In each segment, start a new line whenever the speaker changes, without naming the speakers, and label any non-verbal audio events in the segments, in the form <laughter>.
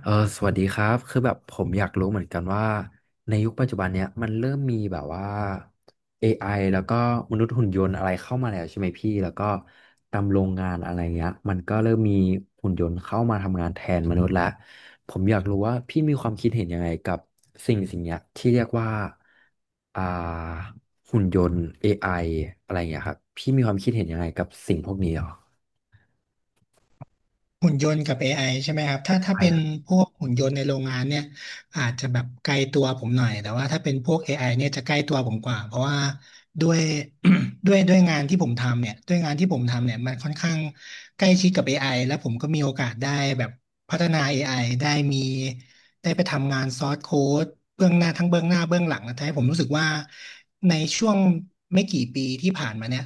เออสวัสดีครับคือแบบผมอยากรู้เหมือนกันว่าในยุคปัจจุบันเนี้ยมันเริ่มมีแบบว่า AI แล้วก็มนุษย์หุ่นยนต์อะไรเข้ามาแล้วใช่ไหมพี่แล้วก็ตามโรงงานอะไรเงี้ยมันก็เริ่มมีหุ่นยนต์เข้ามาทำงานแทนมนุษย์ละผมอยากรู้ว่าพี่มีความคิดเห็นยังไงกับสิ่งเนี้ยที่เรียกว่าอ่าหุ่นยนต์ AI อไออะไรเงี้ยครับพี่มีความคิดเห็นยังไงกับสิ่งพวกนี้หรอ
หุ่นยนต์กับ AI ใช่ไหมครับถ้า
ใช่
เป็
ค
น
รับ
พวกหุ่นยนต์ในโรงงานเนี่ยอาจจะแบบไกลตัวผมหน่อยแต่ว่าถ้าเป็นพวก AI เนี่ยจะใกล้ตัวผมกว่าเพราะว่าด้วย <coughs> <clears throat> ด้วยงานที่ผมทำเนี่ยด้วยงานที่ผมทำเนี่ยมันค่อนข้างใกล้ชิดกับเอไอแล้วผมก็มีโอกาสได้แบบพัฒนา อไอได้มีได้ไปทำงานซอสโค้ดเบื้องหน้าทั้งเบื้องหน้าเบื้องหลังนะทำให้ผมรู้สึกว่าในช่วงไม่กี่ปีที่ผ่านมาเนี่ย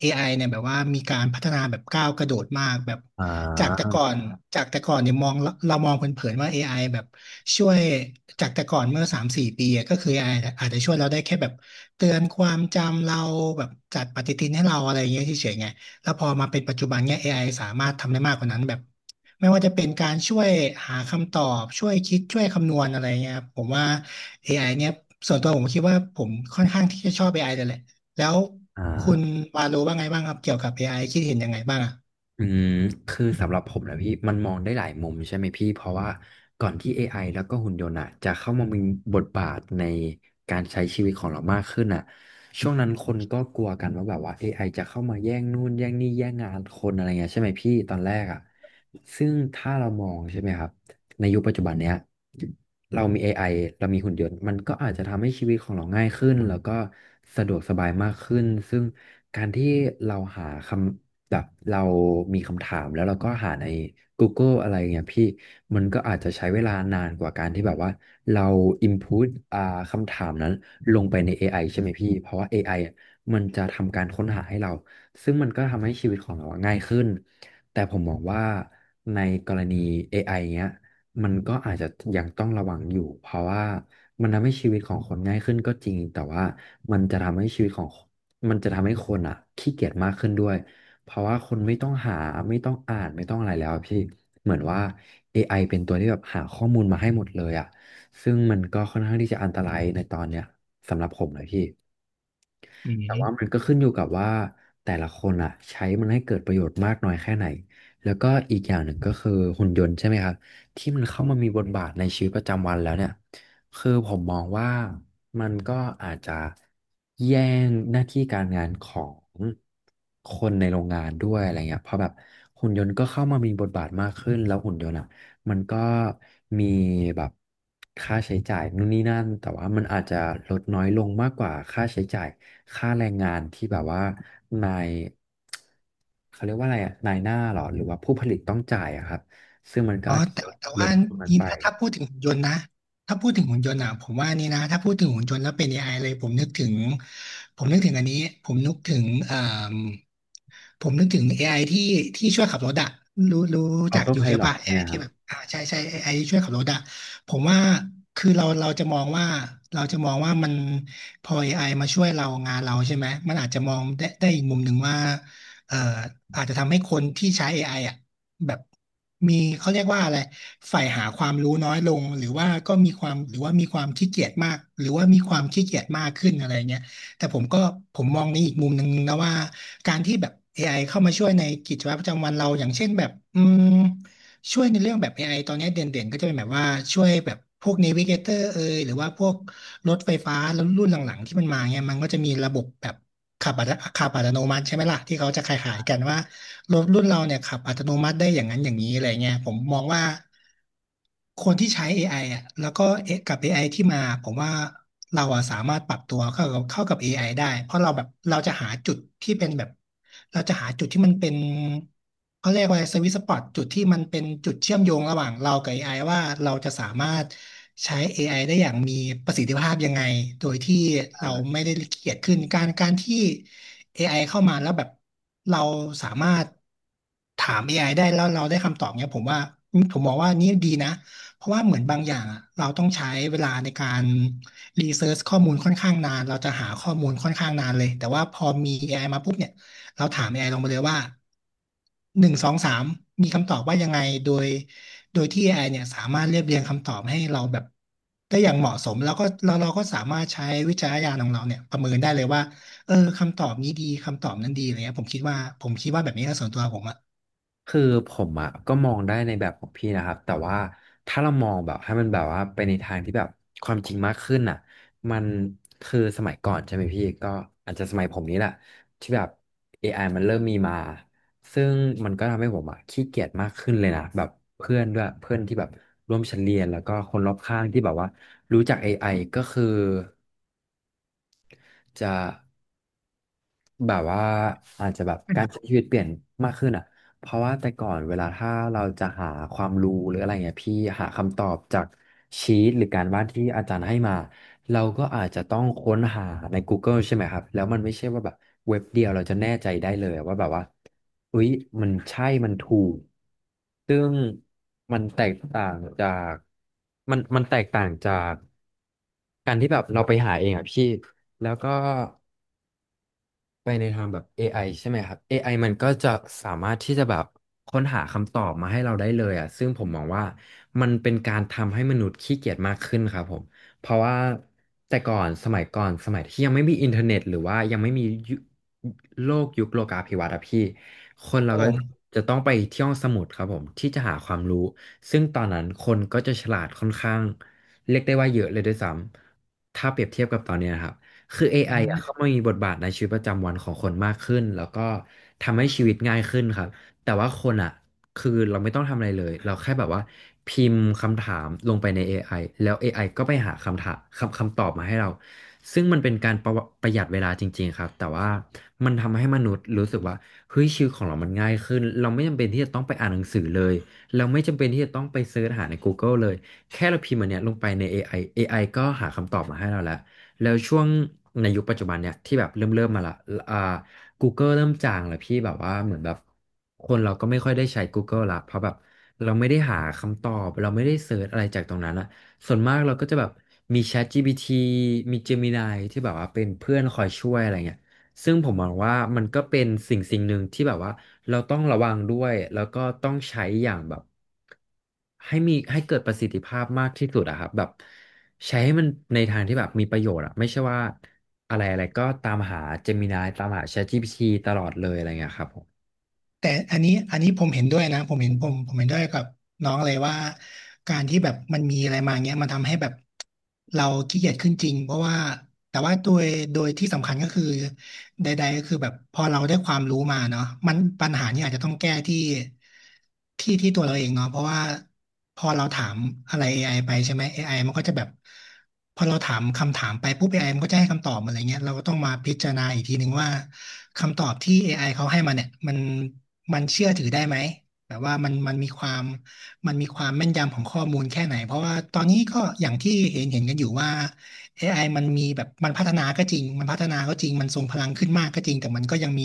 AI เนี่ยแบบว่ามีการพัฒนาแบบก้าวกระโดดมากแบบ
อ่
จากแต่
า
ก่อนจากแต่ก่อนเนี่ยมองเรามองเผินๆว่า AI แบบช่วยจากแต่ก่อนเมื่อสามสี่ปีอะก็คือ AI อไออาจจะช่วยเราได้แค่แบบเตือนความจำเราแบบจัดปฏิทินให้เราอะไรอย่างเงี้ยเฉยๆไงแล้วพอมาเป็นปัจจุบันเนี่ย AI สามารถทำได้มากกว่านั้นแบบไม่ว่าจะเป็นการช่วยหาคำตอบช่วยคิดช่วยคำนวณอะไรเงี้ยครับผมว่า AI เนี่ยส่วนตัวผมคิดว่าผมค่อนข้างที่จะชอบ AI เลยแหละ แล้ว
อ่า
คุณวาโลว่าไงบ้างครับเกี่ยวกับ AI คิดเห็นยังไงบ้างอ่ะ
อืมคือสำหรับผมนะพี่มันมองได้หลายมุมใช่ไหมพี่เพราะว่าก่อนที่ AI แล้วก็หุ่นยนต์อะจะเข้ามามีบทบาทในการใช้ชีวิตของเรามากขึ้นอ่ะช่วงนั้นคนก็กลัวกันว่าแบบว่า AI จะเข้ามาแย่งนู่นแย่งนี่แย่งงานคนอะไรเงี้ยใช่ไหมพี่ตอนแรกอ่ะซึ่งถ้าเรามองใช่ไหมครับในยุคปัจจุบันเนี้ย เรามี AI เรามีหุ่นยนต์มันก็อาจจะทำให้ชีวิตของเราง่ายขึ้นแล้วก็สะดวกสบายมากขึ้นซึ่งการที่เราหาคำแบบเรามีคำถามแล้วเราก็หาใน Google อะไรเงี้ยพี่มันก็อาจจะใช้เวลานานกว่าการที่แบบว่าเรา input อ่าคำถามนั้นลงไปใน AI ใช่ไหมพี่เพราะว่า AI อไออะมันจะทำการค้นหาให้เราซึ่งมันก็ทำให้ชีวิตของเราอะง่ายขึ้นแต่ผมมองว่าในกรณี AI เงี้ย มันก็อาจจะยังต้องระวังอยู่เพราะว่ามันทำให้ชีวิตของคนง่ายขึ้นก็จริงแต่ว่ามันจะทำให้ชีวิตของมันจะทำให้คนอ่ะขี้เกียจมากขึ้นด้วยเพราะว่าคนไม่ต้องหาไม่ต้องอ่านไม่ต้องอะไรแล้วอะพี่เหมือนว่าเอไอเป็นตัวที่แบบหาข้อมูลมาให้หมดเลยอ่ะซึ่งมันก็ค่อนข้างที่จะอันตรายในตอนเนี้ยสำหรับผมเลยพี่
อื
แต่ว่ามัน
ม
ก็ขึ้นอยู่กับว่าแต่ละคนอ่ะใช้มันให้เกิดประโยชน์มากน้อยแค่ไหนแล้วก็อีกอย่างหนึ่งก็คือหุ่นยนต์ใช่ไหมครับที่มันเข้ามามีบทบาทในชีวิตประจำวันแล้วเนี่ยคือผมมองว่ามันก็อาจจะแย่งหน้าที่การงานของคนในโรงงานด้วยอะไรเงี้ยเพราะแบบหุ่นยนต์ก็เข้ามามีบทบาทมากขึ้นแล้วหุ่นยนต์อะ มันก็มีแบบค่าใช้จ่ายนู่นนี่นั่นแต่ว่ามันอาจจะลดน้อยลงมากกว่าค่าใช้จ่ายค่าแรงงานที่แบบว่านายเขาเรียกว่าอะไรอะนายหน้าเหรอหรือว่าผู้ผลิตต้องจ่ายอะครับซึ่งมันก็
อ๋อ
อาจจะ
แต่
ล
แต่ว่า
ดตรงนั้น
นี่
ไป
ถ้าพูดถึงหุ่นยนต์นะถ้าพูดถึงหุ่นยนต์อ่ะผมว่านี่นะถ้าพูดถึงหุ่นยนต์แล้วเป็น อไอเลยผมนึกถึงผมนึกถึงอันนี้ผมนึกถึงเอ่มผมนึกถึงเอไอที่ช่วยขับรถอะรู้รู้
ออ
จัก
โต้
อ
ไพ
ยู่ใช่
ลอต
ปะ
ใช่ไห
AI
มค
ที่
รับ
แบบใช่ใช่ AI ที่ช่วยขับรถอะผมว่าคือเราจะมองว่าเราจะมองว่ามันพอ AI มาช่วยเรางานเราใช่ไหมมันอาจจะมองได้อีกมุมหนึ่งว่าเอ่ออาจจะทำให้คนที่ใช้ AI อไออ่ะ แบบมีเขาเรียกว่าอะไรใฝ่หาความรู้น้อยลงหรือว่าก็มีความหรือว่ามีความขี้เกียจมากหรือว่ามีความขี้เกียจมากขึ้นอะไรเงี้ยแต่ผมมองในอีกมุมหนึ่งนะว่าการที่แบบเอไอเข้ามาช่วยในกิจวัตรประจำวันเราอย่างเช่นแบบม ช่วยในเรื่องแบบ AI ตอนนี้เด่นๆก็จะเป็นแบบว่าช่วยแบบพวก Navigator เอยหรือว่าพวกรถไฟฟ้าแล้วรุ่นหลังๆที่มันมาเนี่ยมันก็จะมีระบบแบบขับอัตขับอัตโนมัติใช่ไหมล่ะที่เขาจะขายๆกันว่ารถรุ่นเราเนี่ยขับอัตโนมัติได้อย่างนั้นอย่างนี้อะไรเงี้ยผมมองว่า คนที่ใช้ AI อไออ่ะแล้วก็เอกับ AI ที่มาผมว่าเราอะสามารถปรับตัวเข้ากับ AI ไอได้ เพราะเราแบบเราจะหาจุดที่เป็นแบบเราจะหาจุดที่มันเป็นเขาเรียกว่าสวิตสปอตจุดที่มันเป็นจุดเชื่อมโยงระหว่างเรากับ AI ว่าเราจะสามารถใช้ AI ไอได้อย่างมีประสิทธิภาพยังไงโดยที่เราไม่ได้เกียจขึ้นการที่ AI เข้ามาแล้วแบบเราสามารถถาม AI ไอได้แล้วเราได้คำตอบเนี่ยผมว่าผมมองว่านี่ดีนะเพราะว่าเหมือนบางอย่างอะเราต้องใช้เวลาในการรีเสิร์ชข้อมูลค่อนข้างนานเราจะหาข้อมูลค่อนข้างนานเลยแต่ว่าพอมี AI มาปุ๊บเนี่ยเราถาม AI ลงมาเลยว่าหนึ่งสองสามมีคำตอบว่ายังไงโดยโดยที่ AI เนี่ยสามารถเรียบเรียงคำตอบให้เราแบบได้อย่างเหมาะสมแล้วก็เราก็สามารถใช้วิจารณญาณของเราเนี่ยประเมินได้เลยว่า เออคำตอบนี้ดีคำตอบนั้นดีอะไรเงี้ยผมคิดว่าแบบนี้นะส่วนตัวผมอะ
คือผมอ่ะก็มองได้ในแบบของพี่นะครับแต่ว่าถ้าเรามองแบบให้มันแบบว่าไปในทางที่แบบความจริงมากขึ้นอ่ะมันคือสมัยก่อนใช่ไหมพี่ก็อาจจะสมัยผมนี้แหละที่แบบ a อไอมันเริ่มมีมาซึ่งมันก็ทำให้ผมอ่ะขี้เกียจมากขึ้นเลยนะแบบเพื่อนด้วยเพื่อนที่แบบร่วมชั้นเรียนแล้วก็คนรอบข้างที่แบบว่ารู้จักเอไ i ก็คือจะ แบบว่าอาจจะแบบการใช้ชีวิตเปลี่ยนมากขึ้นอ่ะเพราะว่าแต่ก่อนเวลาถ้าเราจะหาความรู้หรืออะไรเงี้ยพี่หาคำตอบจากชีตหรือการบ้านที่อาจารย์ให้มาเราก็อาจจะต้องค้นหาใน Google ใช่ไหมครับแล้วมันไม่ใช่ว่าแบบเว็บเดียวเราจะแน่ใจได้เลยว่าแบบว่าอุ๊ยมันใช่มันถูกซึ่งมันแตกต่างจากมันแตกต่างจากการที่แบบเราไปหาเองอ่ะพี่แล้วก็ ไปในทางแบบ AI ใช่ไหมครับ AI มันก็จะสามารถที่จะแบบค้นหาคำตอบมาให้เราได้เลยอ่ะซึ่งผมมองว่ามันเป็นการทำให้มนุษย์ขี้เกียจมากขึ้นครับผม เพราะว่าแต่ก่อนสมัยก่อนสมัยที่ยังไม่มีอินเทอร์เน็ตหรือว่ายังไม่มียุโลกยุคโลกาภิวัตน์อะพี่ คน
ค
เรา
รับผ
ก็
ม
จะต้องไปที่ห้องสมุดครับผมที่จะหาความรู้ ซึ่งตอนนั้นคนก็จะฉลาดค่อนข้างเรียกได้ว่าเยอะเลยด้วยซ้ำถ้าเปรียบเทียบกับตอนเนี้ยนะครับ คือ
อื
AI
อ
อ่ะเข้ามามีบทบาทในชีวิตประจำวันของคนมากขึ้นแล้วก็ทำให้ชีวิตง่ายขึ้นครับแต่ว่าคนอ่ะคือเราไม่ต้องทำอะไรเลยเราแค่แบบว่าพิมพ์คำถามลงไปใน AI แล้ว AI ก็ไปหาคำถามคำตอบมาให้เราซึ่งมันเป็นการประหยัดเวลาจริงๆครับแต่ว่ามันทำให้มนุษย์รู้สึกว่าเฮ้ยชีวิตของเรามันง่ายขึ้นเราไม่จำเป็นที่จะต้องไปอ่านหนังสือเลยเราไม่จำเป็นที่จะต้องไปเสิร์ชหาใน Google เลยแค่เราพิมพ์อันเนี้ยลงไปใน AI AI ก็หาคำตอบมาให้เราแล้ว แล้วช่วงในยุคปัจจุบันเนี่ยที่แบบเริ่มมาละอ่า Google เริ่มจางแล้วพี่แบบว่าเหมือนแบบคนเราก็ไม่ค่อยได้ใช้ Google ละเพราะแบบเราไม่ได้หาคำตอบเราไม่ได้เสิร์ชอะไรจากตรงนั้นอะส่วนมากเราก็จะแบบมี ChatGPT มี Gemini ที่แบบว่าเป็นเพื่อนคอยช่วยอะไรเงี้ยซึ่งผมมองว่ามันก็เป็นสิ่งหนึ่งที่แบบว่าเราต้องระวังด้วยแล้วก็ต้องใช้อย่างแบบให้มีให้เกิดประสิทธิภาพมากที่สุดอะครับแบบ ใช้ให้มันในทางที่แบบมีประโยชน์อะไม่ใช่ว่าอะไรอะไรก็ตามหา Gemini ตามหา ChatGPT ตลอดเลยอะไรเงี้ยครับผม
แต่อันนี้ผมเห็นด้วยนะผมเห็นด้วยกับน้องเลยว่าการที่แบบมันมีอะไรมาเงี้ยมันทำให้แบบเราขี้เกียจขึ้นจริงเพราะว่าแต่ว่าโดยที่สำคัญก็คือใดๆก็คือแบบพอเราได้ความรู้มาเนาะมันปัญหาเนี่ยอาจจะต้องแก้ที่ตัวเราเองเนาะเพราะว่าพอเราถามอะไร AI ไอไปใช่ไหม AI มันก็จะแบบพอเราถามคำถามไปปุ๊บ AI มันก็จะให้คำตอบมาอะไรเงี้ยเราก็ต้องมาพิจารณาอีกทีหนึงว่า คำตอบที่ AI เขาให้มาเนี่ยมันเชื่อถือได้ไหมแบบว่ามันมันมีความมันมีความแม่นยำของข้อมูลแค่ไหนเพราะว่าตอนนี้ก็อย่างที่เห็นกันอยู่ว่า AI มันมีแบบมันพัฒนาก็จริงมันทรงพลังขึ้นมากก็จริงแต่มันก็ยังมี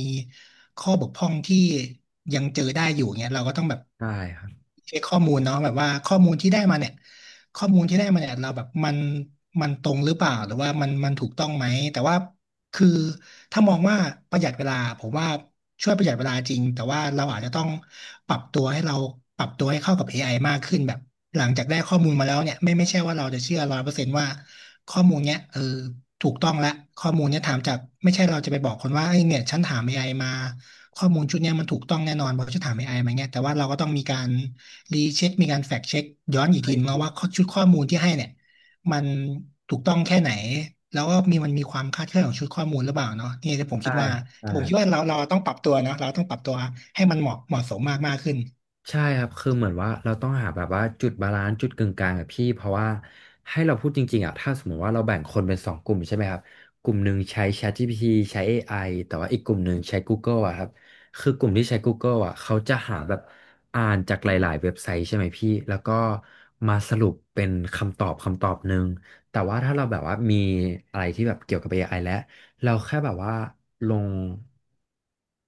ข้อบกพร่องที่ยังเจอได้อยู่เงี้ยเราก็ต้องแบบ
ใช่ครับ
เช็คข้อมูลเนาะแบบว่าข้อมูลที่ได้มาเนี่ยข้อมูลที่ได้มาเนี่ยเราแบบมันตรงหรือเปล่าหรือว่ามันถูกต้องไหมแต่ว่า คือถ้ามองว่าประหยัดเวลาผมว่าช่วยประหยัดเวลาจริงแต่ว่าเราอาจจะต้องปรับตัวให้เราปรับตัวให้เข้ากับเอไอมากขึ้นแบบหลังจากได้ข้อมูลมาแล้วเนี่ยไม่ใช่ว่าเราจะเชื่อ100%ว่าข้อมูลเนี้ยเออถูกต้องละข้อมูลเนี้ยถามจากไม่ใช่เราจะไปบอกคนว่าไอ้ยเนี่ยฉันถามเอไอมาข้อมูลชุดเนี้ยมันถูกต้องแน่นอนเพราะฉันถามเอไอมาเนี่ยแต่ว่าเราก็ต้องมีการรีเช็คมีการแฟกเช็คย้อนอีกทีนึงแล้วว่าข้อชุดข้อมูลที่ให้เนี่ย มันถูกต้องแค่ไหนแล้วก็มีมันมีความคลาดเคลื่อนของชุดข้อมูลหรือเปล่าเนาะนี่ที่ผม
ใช่
คิดว่า
ครับใช่
แต่ผม
ครั
คิด
บ
ว่าเราต้องปรับตัวนะเราต้องปรับตัวให้มันเหมาะสมมากมากขึ้น
ใช่ครับ คือเหมือนว่าเราต้องหาแบบว่าจุดบาลานซ์จุดกึ่งกลางอะพี่เพราะว่าให้เราพูดจริงๆอะถ้าสมมติว่าเราแบ่งคนเป็นสองกลุ่มใช่ไหมครับกลุ่มหนึ่งใช้ ChatGPT ใช้ AI แต่ว่าอีกกลุ่มหนึ่งใช้ Google อะครับคือกลุ่มที่ใช้ Google อะเขาจะหาแบบอ่านจากหลายๆเว็บไซต์ใช่ไหมพี่แล้วก็มาสรุปเป็นคำตอบหนึ่งแต่ว่าถ้าเราแบบว่ามีอะไรที่แบบเกี่ยวกับ AI แล้ว เราแค่แบบว่าลง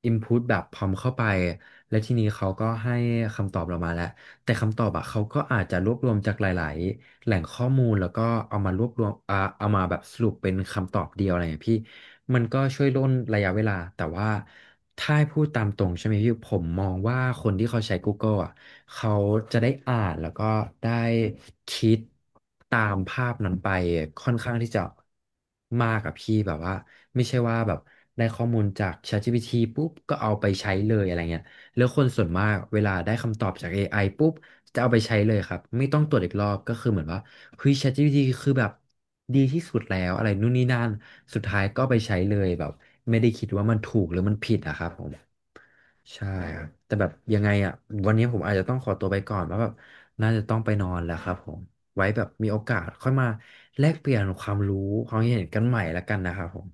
input แบบพร้อมเข้าไปและทีนี้เขาก็ให้คำตอบเรามาแล้วแต่คำตอบอะเขาก็อาจจะรวบรวมจากหลายๆ แหล่งข้อมูลแล้วก็เอามารวบรวมเอามาแบบสรุปเป็นคำตอบเดียวอะไรอย่างเงี้ยพี่มันก็ช่วยร่นระยะเวลาแต่ว่าถ้าให้พูดตามตรงใช่ไหมพี่ผมมองว่าคนที่เขาใช้ Google อ่ะเขาจะได้อ่านแล้วก็ได้คิดตามภาพนั้นไปค่อนข้างที่จะมากอะพี่แบบว่า ไม่ใช่ว่าแบบได้ข้อมูลจาก ChatGPT ปุ๊บก็เอาไปใช้เลยอะไรเงี้ยแล้วคนส่วนมากเวลาได้คำตอบจาก AI ปุ๊บจะเอาไปใช้เลยครับไม่ต้องตรวจอีกรอบก็คือเหมือนว่าเฮ้ย ChatGPT คือแบบดีที่สุดแล้วอะไรนู่นนี่นั่นสุดท้ายก็เอาไปใช้เลยแบบไม่ได้คิดว่ามันถูกหรือมันผิดอะครับผมใช่ครับแต่แบบยังไงอ่ะวันนี้ผมอาจจะต้องขอตัวไปก่อนเพราะแบบน่าจะต้องไปนอนแล้วครับผมไว้แบบมีโอกาสค่อยมาแลกเปลี่ยนความรู้ความเห็นกันใหม่แล้วกันนะครับผม